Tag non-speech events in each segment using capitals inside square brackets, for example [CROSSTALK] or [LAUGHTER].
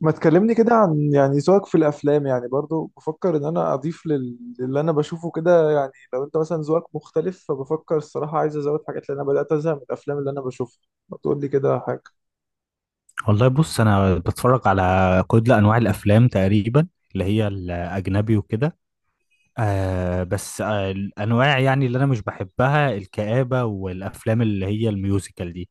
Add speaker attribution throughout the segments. Speaker 1: ما تكلمني كده عن يعني ذوقك في الافلام، يعني برضو بفكر ان انا اضيف للي انا بشوفه كده. يعني لو انت مثلا ذوقك مختلف فبفكر الصراحه عايز ازود حاجات، لان انا بدات ازهق من الافلام اللي انا بشوفها. ما تقول لي كده حاجه.
Speaker 2: والله بص انا بتفرج على كل انواع الافلام تقريبا اللي هي الاجنبي وكده. بس الانواع يعني اللي انا مش بحبها الكآبة والافلام اللي هي الميوزيكال دي.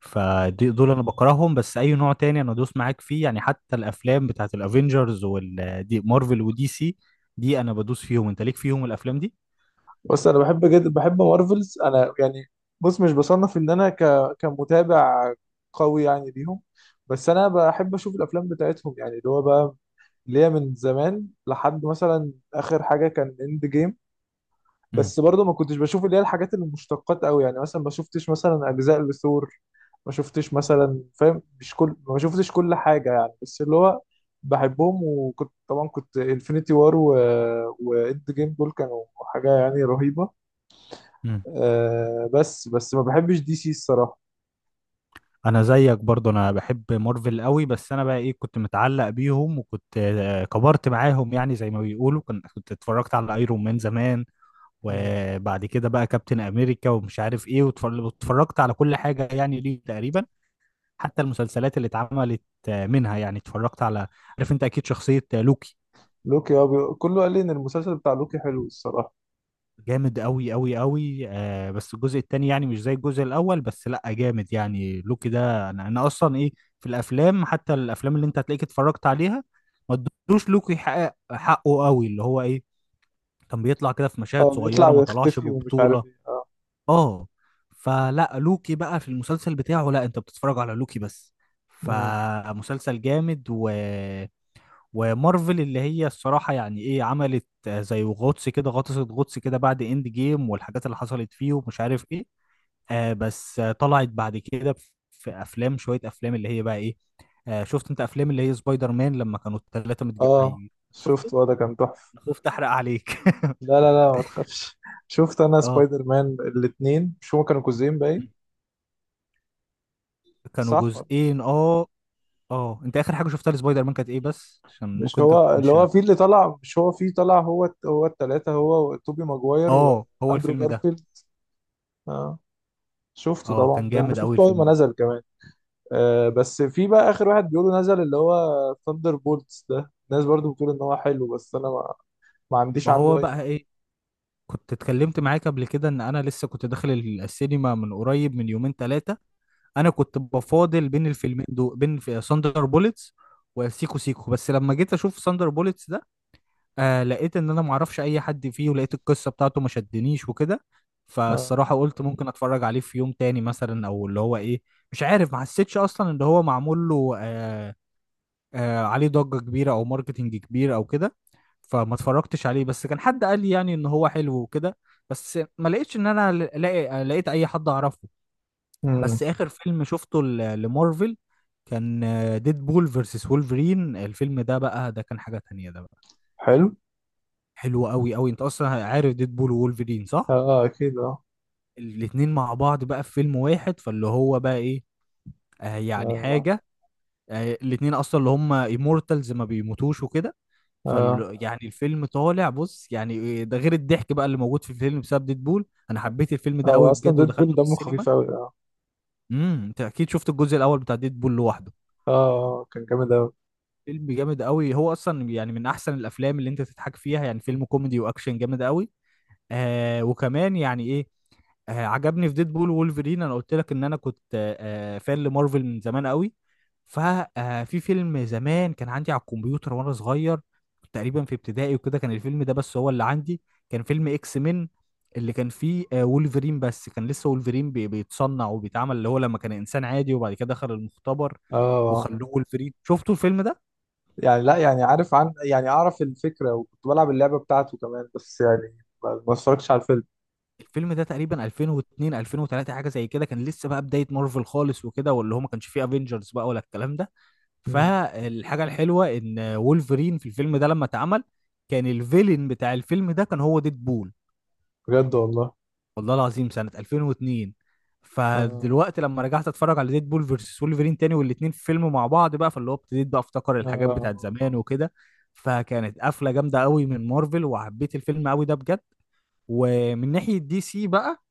Speaker 2: فدي دول انا بكرههم، بس اي نوع تاني انا دوس معاك فيه يعني، حتى الافلام بتاعت الافينجرز والدي مارفل ودي سي. دي انا بدوس فيهم. انت ليك فيهم الافلام دي؟
Speaker 1: بس انا بحب جدا، بحب مارفلز انا يعني. بص، مش بصنف ان انا كمتابع قوي يعني ليهم. بس انا بحب اشوف الافلام بتاعتهم، يعني اللي هو بقى اللي هي من زمان لحد مثلا اخر حاجه كان اند جيم. بس برضه ما كنتش بشوف اللي هي الحاجات المشتقات قوي، يعني مثلا ما شفتش مثلا اجزاء لثور. ما شفتش مثلا، فاهم؟ مش كل، ما شفتش كل حاجه يعني، بس اللي هو بحبهم. وكنت طبعا كنت انفينيتي وار واند جيم دول كانوا حاجه يعني رهيبه.
Speaker 2: امم
Speaker 1: آه، بس ما بحبش دي سي الصراحه.
Speaker 2: انا زيك برضو، انا بحب مارفل قوي. بس انا بقى ايه، كنت متعلق بيهم وكنت كبرت معاهم، يعني زي ما بيقولوا، كنت اتفرجت على ايرون مان زمان.
Speaker 1: مم.
Speaker 2: وبعد كده بقى كابتن امريكا ومش عارف ايه، واتفرجت على كل حاجة يعني ليه تقريبا. حتى المسلسلات اللي اتعملت منها يعني اتفرجت على، عارف انت اكيد شخصية لوكي.
Speaker 1: لوكي هو كله قال لي ان المسلسل بتاع لوكي حلو الصراحه.
Speaker 2: جامد قوي قوي قوي. بس الجزء التاني يعني مش زي الجزء الاول، بس لا جامد. يعني لوكي ده انا اصلا ايه، في الافلام حتى الافلام اللي انت هتلاقيك اتفرجت عليها، ما ادوش لوكي حقه. حقه قوي اللي هو ايه، كان بيطلع كده في مشاهد
Speaker 1: اه، بيطلع
Speaker 2: صغيره، ما طلعش
Speaker 1: ويختفي ومش عارف
Speaker 2: ببطوله.
Speaker 1: ايه، اه.
Speaker 2: اه. فلا لوكي بقى في المسلسل بتاعه، لا، انت بتتفرج على لوكي بس.
Speaker 1: مم.
Speaker 2: فمسلسل جامد و ومارفل اللي هي الصراحة يعني ايه، عملت زي غطس كده، غطست غطس كده بعد اند جيم والحاجات اللي حصلت فيه ومش عارف ايه. بس طلعت بعد كده في افلام، شوية افلام اللي هي بقى ايه. شفت انت افلام اللي هي سبايدر مان لما كانوا الثلاثة
Speaker 1: اه
Speaker 2: اي،
Speaker 1: شفت،
Speaker 2: شفت.
Speaker 1: اه ده كان تحفه.
Speaker 2: أنا خفت احرق عليك [LAUGHS]
Speaker 1: لا لا لا، ما تخافش [LAUGHS] شفت انا
Speaker 2: اه
Speaker 1: سبايدر مان الاثنين مش هما كانوا جزئين باين.
Speaker 2: كانوا
Speaker 1: صح.
Speaker 2: جزئين اه. اه، انت اخر حاجة شفتها لسبايدر مان كانت ايه، بس عشان
Speaker 1: مش
Speaker 2: ممكن انت
Speaker 1: هو اللي
Speaker 2: تكونش.
Speaker 1: هو فيه اللي طلع، مش هو فيه طلع هو الثلاثه، هو توبي ماجواير
Speaker 2: اه، هو
Speaker 1: واندرو
Speaker 2: الفيلم ده
Speaker 1: جارفيلد. اه شفته
Speaker 2: اه،
Speaker 1: طبعا،
Speaker 2: كان
Speaker 1: ده
Speaker 2: جامد قوي
Speaker 1: شفته اول
Speaker 2: الفيلم
Speaker 1: ما
Speaker 2: ده.
Speaker 1: نزل كمان. آه، بس في بقى اخر واحد بيقولوا نزل اللي هو ثاندر بولتس ده، الناس برضو بتقول ان هو حلو، بس انا ما عنديش
Speaker 2: ما
Speaker 1: عنده
Speaker 2: هو
Speaker 1: اي
Speaker 2: بقى
Speaker 1: معلومه.
Speaker 2: ايه، كنت اتكلمت معاك قبل كده ان انا لسه كنت داخل السينما من قريب من يومين ثلاثه. انا كنت بفاضل بين الفيلمين دول، بين في ساندر بوليتس وسيكو سيكو. بس لما جيت اشوف ساندر بوليتس ده لقيت ان انا معرفش اي حد فيه، ولقيت القصه بتاعته ما شدنيش وكده.
Speaker 1: آه.
Speaker 2: فالصراحه قلت ممكن اتفرج عليه في يوم تاني مثلا، او اللي هو ايه، مش عارف. ما حسيتش اصلا ان هو معمول له عليه ضجه كبيره او ماركتنج كبير او كده. فما اتفرجتش عليه. بس كان حد قال لي يعني ان هو حلو وكده، بس ما لقيتش ان انا ل- لاقي لقيت اي حد اعرفه.
Speaker 1: امم.
Speaker 2: بس اخر فيلم شفته لمارفل كان ديد بول فيرسس وولفرين. الفيلم ده بقى، ده كان حاجة تانية. ده بقى
Speaker 1: حلو.
Speaker 2: حلو قوي قوي. انت اصلا عارف ديد بول وولفرين
Speaker 1: اه،
Speaker 2: صح؟
Speaker 1: آه، اكيد اه.
Speaker 2: الاتنين مع بعض بقى في فيلم واحد، فاللي هو بقى ايه، يعني
Speaker 1: اه،
Speaker 2: حاجة، يعني الاتنين اصلا اللي هم ايمورتالز، ما بيموتوش وكده. فال
Speaker 1: اه،
Speaker 2: آه. يعني الفيلم طالع، بص يعني إيه ده، غير الضحك بقى اللي موجود في الفيلم بسبب ديدبول. انا حبيت الفيلم ده
Speaker 1: هو
Speaker 2: قوي
Speaker 1: اصلا
Speaker 2: بجد.
Speaker 1: ديدبول
Speaker 2: ودخلته في
Speaker 1: دمه
Speaker 2: السينما.
Speaker 1: خفيف قوي.
Speaker 2: انت اكيد شفت الجزء الاول بتاع ديدبول لوحده.
Speaker 1: اه كان جامد اوي.
Speaker 2: فيلم جامد قوي، هو اصلا يعني من احسن الافلام اللي انت تضحك فيها. يعني فيلم كوميدي واكشن جامد قوي. وكمان يعني ايه، عجبني في ديد بول وولفرين، انا قلت لك ان انا كنت فان لمارفل من زمان قوي. ففي فيلم زمان كان عندي على الكمبيوتر، وانا صغير كنت تقريبا في ابتدائي وكده، كان الفيلم ده بس هو اللي عندي. كان فيلم اكس مين، اللي كان فيه وولفرين. بس كان لسه وولفرين بيتصنع وبيتعمل، اللي هو لما كان انسان عادي وبعد كده دخل المختبر
Speaker 1: اه
Speaker 2: وخلوه وولفرين. شفتوا الفيلم ده؟
Speaker 1: يعني لا، يعني عارف عن يعني اعرف الفكره وكنت بلعب اللعبه بتاعته كمان، بس يعني ما اتفرجتش على الفيلم.
Speaker 2: الفيلم ده تقريبا 2002 2003 حاجه زي كده، كان لسه بقى بدايه مارفل خالص وكده، واللي هو ما كانش فيه افنجرز بقى ولا الكلام ده.
Speaker 1: مم.
Speaker 2: فالحاجه الحلوه ان وولفرين في الفيلم ده لما اتعمل، كان الفيلن بتاع الفيلم ده كان هو ديدبول.
Speaker 1: بجد والله؟
Speaker 2: والله العظيم سنه 2002.
Speaker 1: اه،
Speaker 2: فدلوقتي لما رجعت اتفرج على ديدبول فيرسس وولفرين تاني والاتنين في فيلم مع بعض بقى، فاللي هو ابتديت بقى افتكر الحاجات
Speaker 1: اه.
Speaker 2: بتاعت زمان وكده. فكانت قفله جامده قوي من مارفل، وحبيت الفيلم قوي ده بجد. ومن ناحيه دي سي بقى،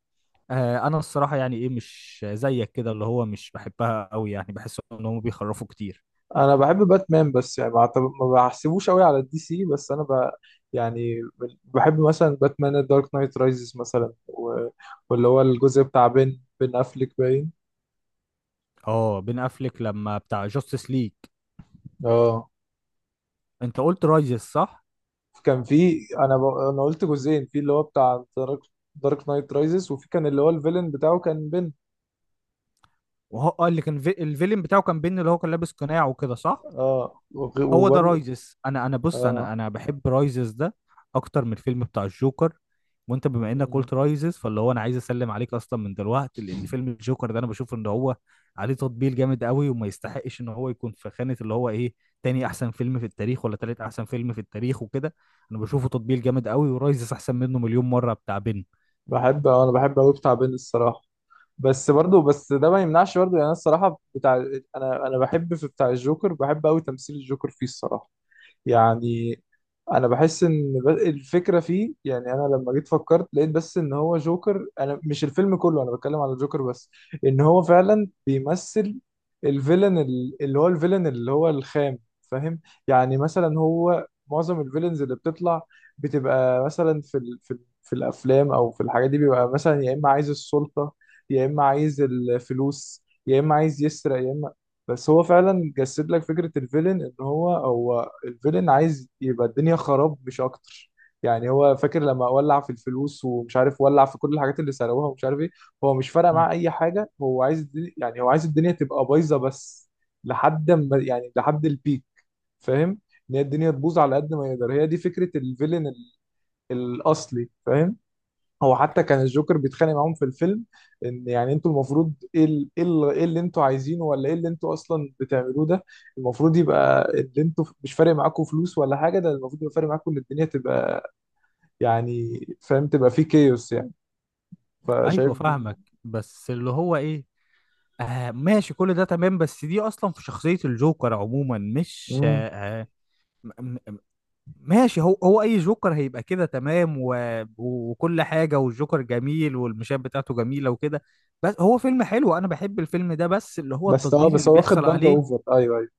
Speaker 2: انا الصراحه يعني ايه، مش زيك كده، اللي هو مش بحبها قوي. يعني بحس ان هم بيخرفوا كتير.
Speaker 1: انا بحب باتمان، بس يعني ما بحسبوش قوي على الدي سي، بس انا يعني بحب مثلا باتمان دارك نايت رايزز مثلا واللي هو الجزء بتاع بين افليك باين.
Speaker 2: اه، بين افليك لما بتاع جاستس ليج.
Speaker 1: اه
Speaker 2: انت قلت رايزس صح؟
Speaker 1: كان في، انا قلت جزئين في اللي هو بتاع دارك. دارك نايت رايزز، وفي كان اللي هو الفيلن بتاعه كان بن.
Speaker 2: وهو اه الفيلم بتاعه كان بين، اللي هو كان لابس قناع وكده صح؟
Speaker 1: اه،
Speaker 2: هو ده
Speaker 1: وبرضه.
Speaker 2: رايزس. انا بص، انا
Speaker 1: اه.
Speaker 2: انا بحب رايزس ده اكتر من الفيلم بتاع الجوكر. وانت بما انك
Speaker 1: مم.
Speaker 2: قلت رايزس، فاللي هو انا عايز اسلم عليك اصلا من دلوقتي. لان فيلم الجوكر ده انا بشوف ان هو عليه تطبيل جامد قوي، وما يستحقش ان هو يكون في خانة اللي هو ايه، تاني احسن فيلم في التاريخ، ولا تالت احسن فيلم في التاريخ وكده. انا بشوفه تطبيل جامد قوي، ورايزس احسن منه مليون مرة، بتاع بن.
Speaker 1: بحب، انا بحب قوي بتاع بن الصراحه. بس برضه، بس ده ما يمنعش برضه، يعني انا الصراحه بتاع. انا بحب في بتاع الجوكر، بحب قوي تمثيل الجوكر فيه الصراحه. يعني، انا بحس ان الفكره فيه، يعني انا لما جيت فكرت لقيت بس ان هو جوكر، انا مش الفيلم كله، انا بتكلم على جوكر بس. ان هو فعلا بيمثل الفيلن اللي هو الفيلن اللي هو الخام، فاهم؟ يعني مثلا هو معظم الفيلنز اللي بتطلع، بتبقى مثلا في الافلام او في الحاجات دي، بيبقى مثلا يا اما عايز السلطه، يا اما عايز الفلوس، يا اما عايز يسرق، يا اما. بس هو فعلا جسد لك فكره الفيلن، ان هو هو الفيلن عايز يبقى الدنيا خراب مش اكتر. يعني هو فاكر لما ولع في الفلوس ومش عارف، ولع في كل الحاجات اللي سرقوها ومش عارف ايه. هو مش فارق معاه اي حاجه، هو عايز الدنيا، يعني هو عايز الدنيا تبقى بايظه بس. لحد ما، يعني لحد البيك، فاهم؟ ان هي الدنيا تبوظ على قد ما يقدر، هي دي فكره الفيلن الاصلي، فاهم؟ هو حتى كان الجوكر بيتخانق معاهم في الفيلم، ان يعني انتوا المفروض ايه، ايه إيه اللي انتوا عايزينه، ولا ايه اللي انتوا اصلا بتعملوه ده؟ المفروض يبقى اللي انتوا مش فارق معاكم فلوس ولا حاجه، ده المفروض يبقى فارق معاكم ان الدنيا تبقى، يعني فاهم، تبقى في كيوس يعني.
Speaker 2: ايوه
Speaker 1: فشايف دي.
Speaker 2: فاهمك. بس اللي هو ايه، ماشي كل ده تمام، بس دي اصلا في شخصية الجوكر عموما مش
Speaker 1: مم.
Speaker 2: آه، م- م- ماشي. هو اي جوكر هيبقى كده تمام، وكل حاجة، والجوكر جميل والمشاهد بتاعته جميلة وكده. بس هو فيلم حلو، انا بحب الفيلم ده، بس اللي هو
Speaker 1: بس اه،
Speaker 2: التطبيل
Speaker 1: بس
Speaker 2: اللي
Speaker 1: هو واخد
Speaker 2: بيحصل
Speaker 1: ضجه
Speaker 2: عليه
Speaker 1: اوفر، ايوه ايوه.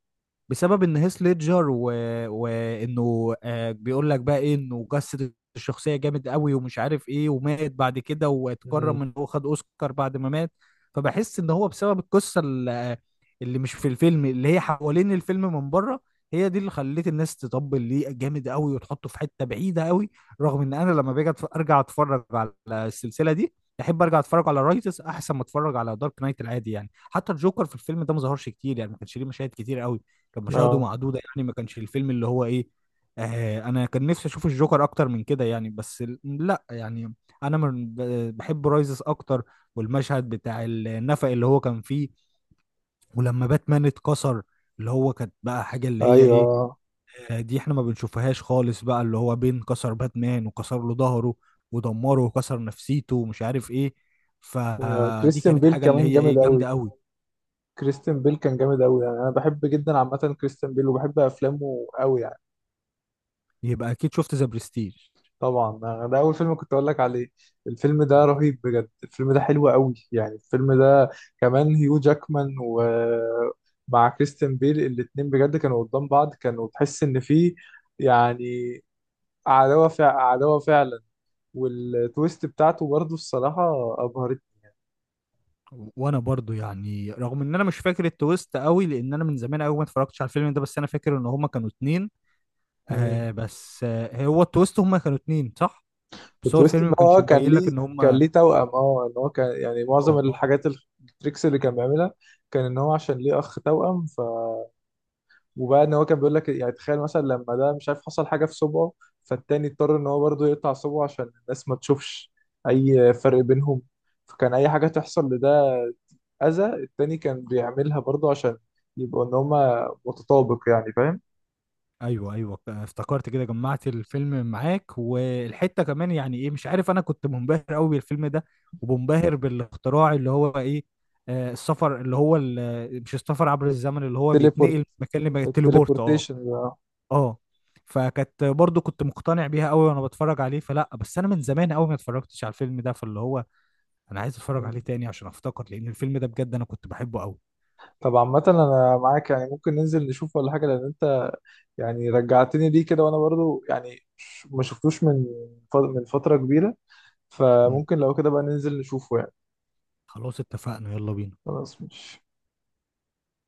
Speaker 2: بسبب ان هيث ليدجر وانه بيقول لك بقى ايه، انه جسد الشخصيه جامد قوي ومش عارف ايه، ومات بعد كده،
Speaker 1: مم.
Speaker 2: واتكرم ان هو خد اوسكار بعد ما مات. فبحس ان هو بسبب القصه اللي مش في الفيلم، اللي هي حوالين الفيلم من بره، هي دي اللي خلت الناس تطبل ليه جامد قوي، وتحطه في حته بعيده قوي. رغم ان انا لما باجي ارجع اتفرج على السلسله دي، احب ارجع اتفرج على رايتس احسن ما اتفرج على دارك نايت العادي. يعني حتى الجوكر في الفيلم ده ما ظهرش كتير، يعني ما كانش ليه مشاهد كتير قوي، كانت مشاهده
Speaker 1: اه
Speaker 2: معدوده. يعني ما كانش الفيلم اللي هو ايه، انا كان نفسي اشوف الجوكر اكتر من كده يعني. بس لا يعني، انا من بحب رايزس اكتر. والمشهد بتاع النفق اللي هو كان فيه، ولما باتمان اتكسر، اللي هو كانت بقى حاجه اللي هي ايه،
Speaker 1: ايوه.
Speaker 2: دي احنا ما بنشوفهاش خالص بقى، اللي هو بين كسر باتمان وكسر له ظهره ودمره وكسر نفسيته ومش عارف ايه. فدي
Speaker 1: وكريستيان
Speaker 2: كانت
Speaker 1: بيل
Speaker 2: حاجه اللي
Speaker 1: كمان
Speaker 2: هي
Speaker 1: جامد
Speaker 2: ايه، جامده
Speaker 1: قوي.
Speaker 2: قوي.
Speaker 1: كريستيان بيل كان جامد قوي، يعني انا بحب جدا عامه كريستيان بيل وبحب افلامه قوي يعني.
Speaker 2: يبقى اكيد شفت ذا برستيج.
Speaker 1: طبعا ده اول فيلم كنت اقول لك عليه. الفيلم ده رهيب بجد، الفيلم ده حلو قوي يعني الفيلم ده، كمان هيو جاكمان ومع كريستيان بيل الاتنين بجد كانوا قدام بعض، كانوا تحس ان في يعني عداوة فع عداوة فعلا. والتويست بتاعته برضه الصراحة ابهرت.
Speaker 2: وانا برضو يعني رغم ان انا مش فاكر التويست قوي، لان انا من زمان قوي ما اتفرجتش على الفيلم ده، بس انا فاكر ان هما كانوا اتنين.
Speaker 1: مم.
Speaker 2: بس هو التويست هما كانوا اتنين صح؟ بس هو
Speaker 1: التويست
Speaker 2: الفيلم
Speaker 1: ان
Speaker 2: ما كانش
Speaker 1: هو كان
Speaker 2: مبين لك
Speaker 1: ليه،
Speaker 2: ان
Speaker 1: كان
Speaker 2: هما.
Speaker 1: ليه توأم اه، ان هو كان يعني معظم
Speaker 2: اه اه،
Speaker 1: الحاجات التريكس اللي كان بيعملها، كان ان هو عشان ليه اخ توأم. وبقى ان هو كان بيقول لك يعني تخيل مثلا لما ده مش عارف حصل حاجه في صبعه، فالتاني اضطر ان هو برضه يقطع صبعه عشان الناس ما تشوفش اي فرق بينهم. فكان اي حاجه تحصل لده، اذى التاني كان بيعملها برضه عشان يبقوا ان هما متطابق، يعني فاهم.
Speaker 2: ايوه ايوه، افتكرت كده، جمعت الفيلم معاك والحته كمان يعني ايه، مش عارف، انا كنت منبهر قوي بالفيلم ده ومنبهر بالاختراع اللي هو ايه، السفر اللي هو مش السفر عبر الزمن، اللي هو
Speaker 1: تليبورت.
Speaker 2: بيتنقل مكان لمكان، التليبورت. اه.
Speaker 1: التليبورتيشن ده.
Speaker 2: اه، فكانت برضو كنت مقتنع بيها قوي وانا بتفرج عليه. فلا بس انا من زمان قوي ما اتفرجتش على الفيلم ده، فاللي هو انا عايز اتفرج عليه
Speaker 1: مم.
Speaker 2: تاني عشان افتكر، لان الفيلم ده بجد انا كنت بحبه قوي.
Speaker 1: طب عامة أنا معاك، يعني ممكن ننزل نشوف ولا حاجة، لأن أنت يعني رجعتني ليه كده، وأنا برضو يعني ما شفتوش من من فترة كبيرة،
Speaker 2: مم.
Speaker 1: فممكن لو كده بقى ننزل نشوفه يعني.
Speaker 2: خلاص اتفقنا، يلا بينا.
Speaker 1: خلاص ماشي.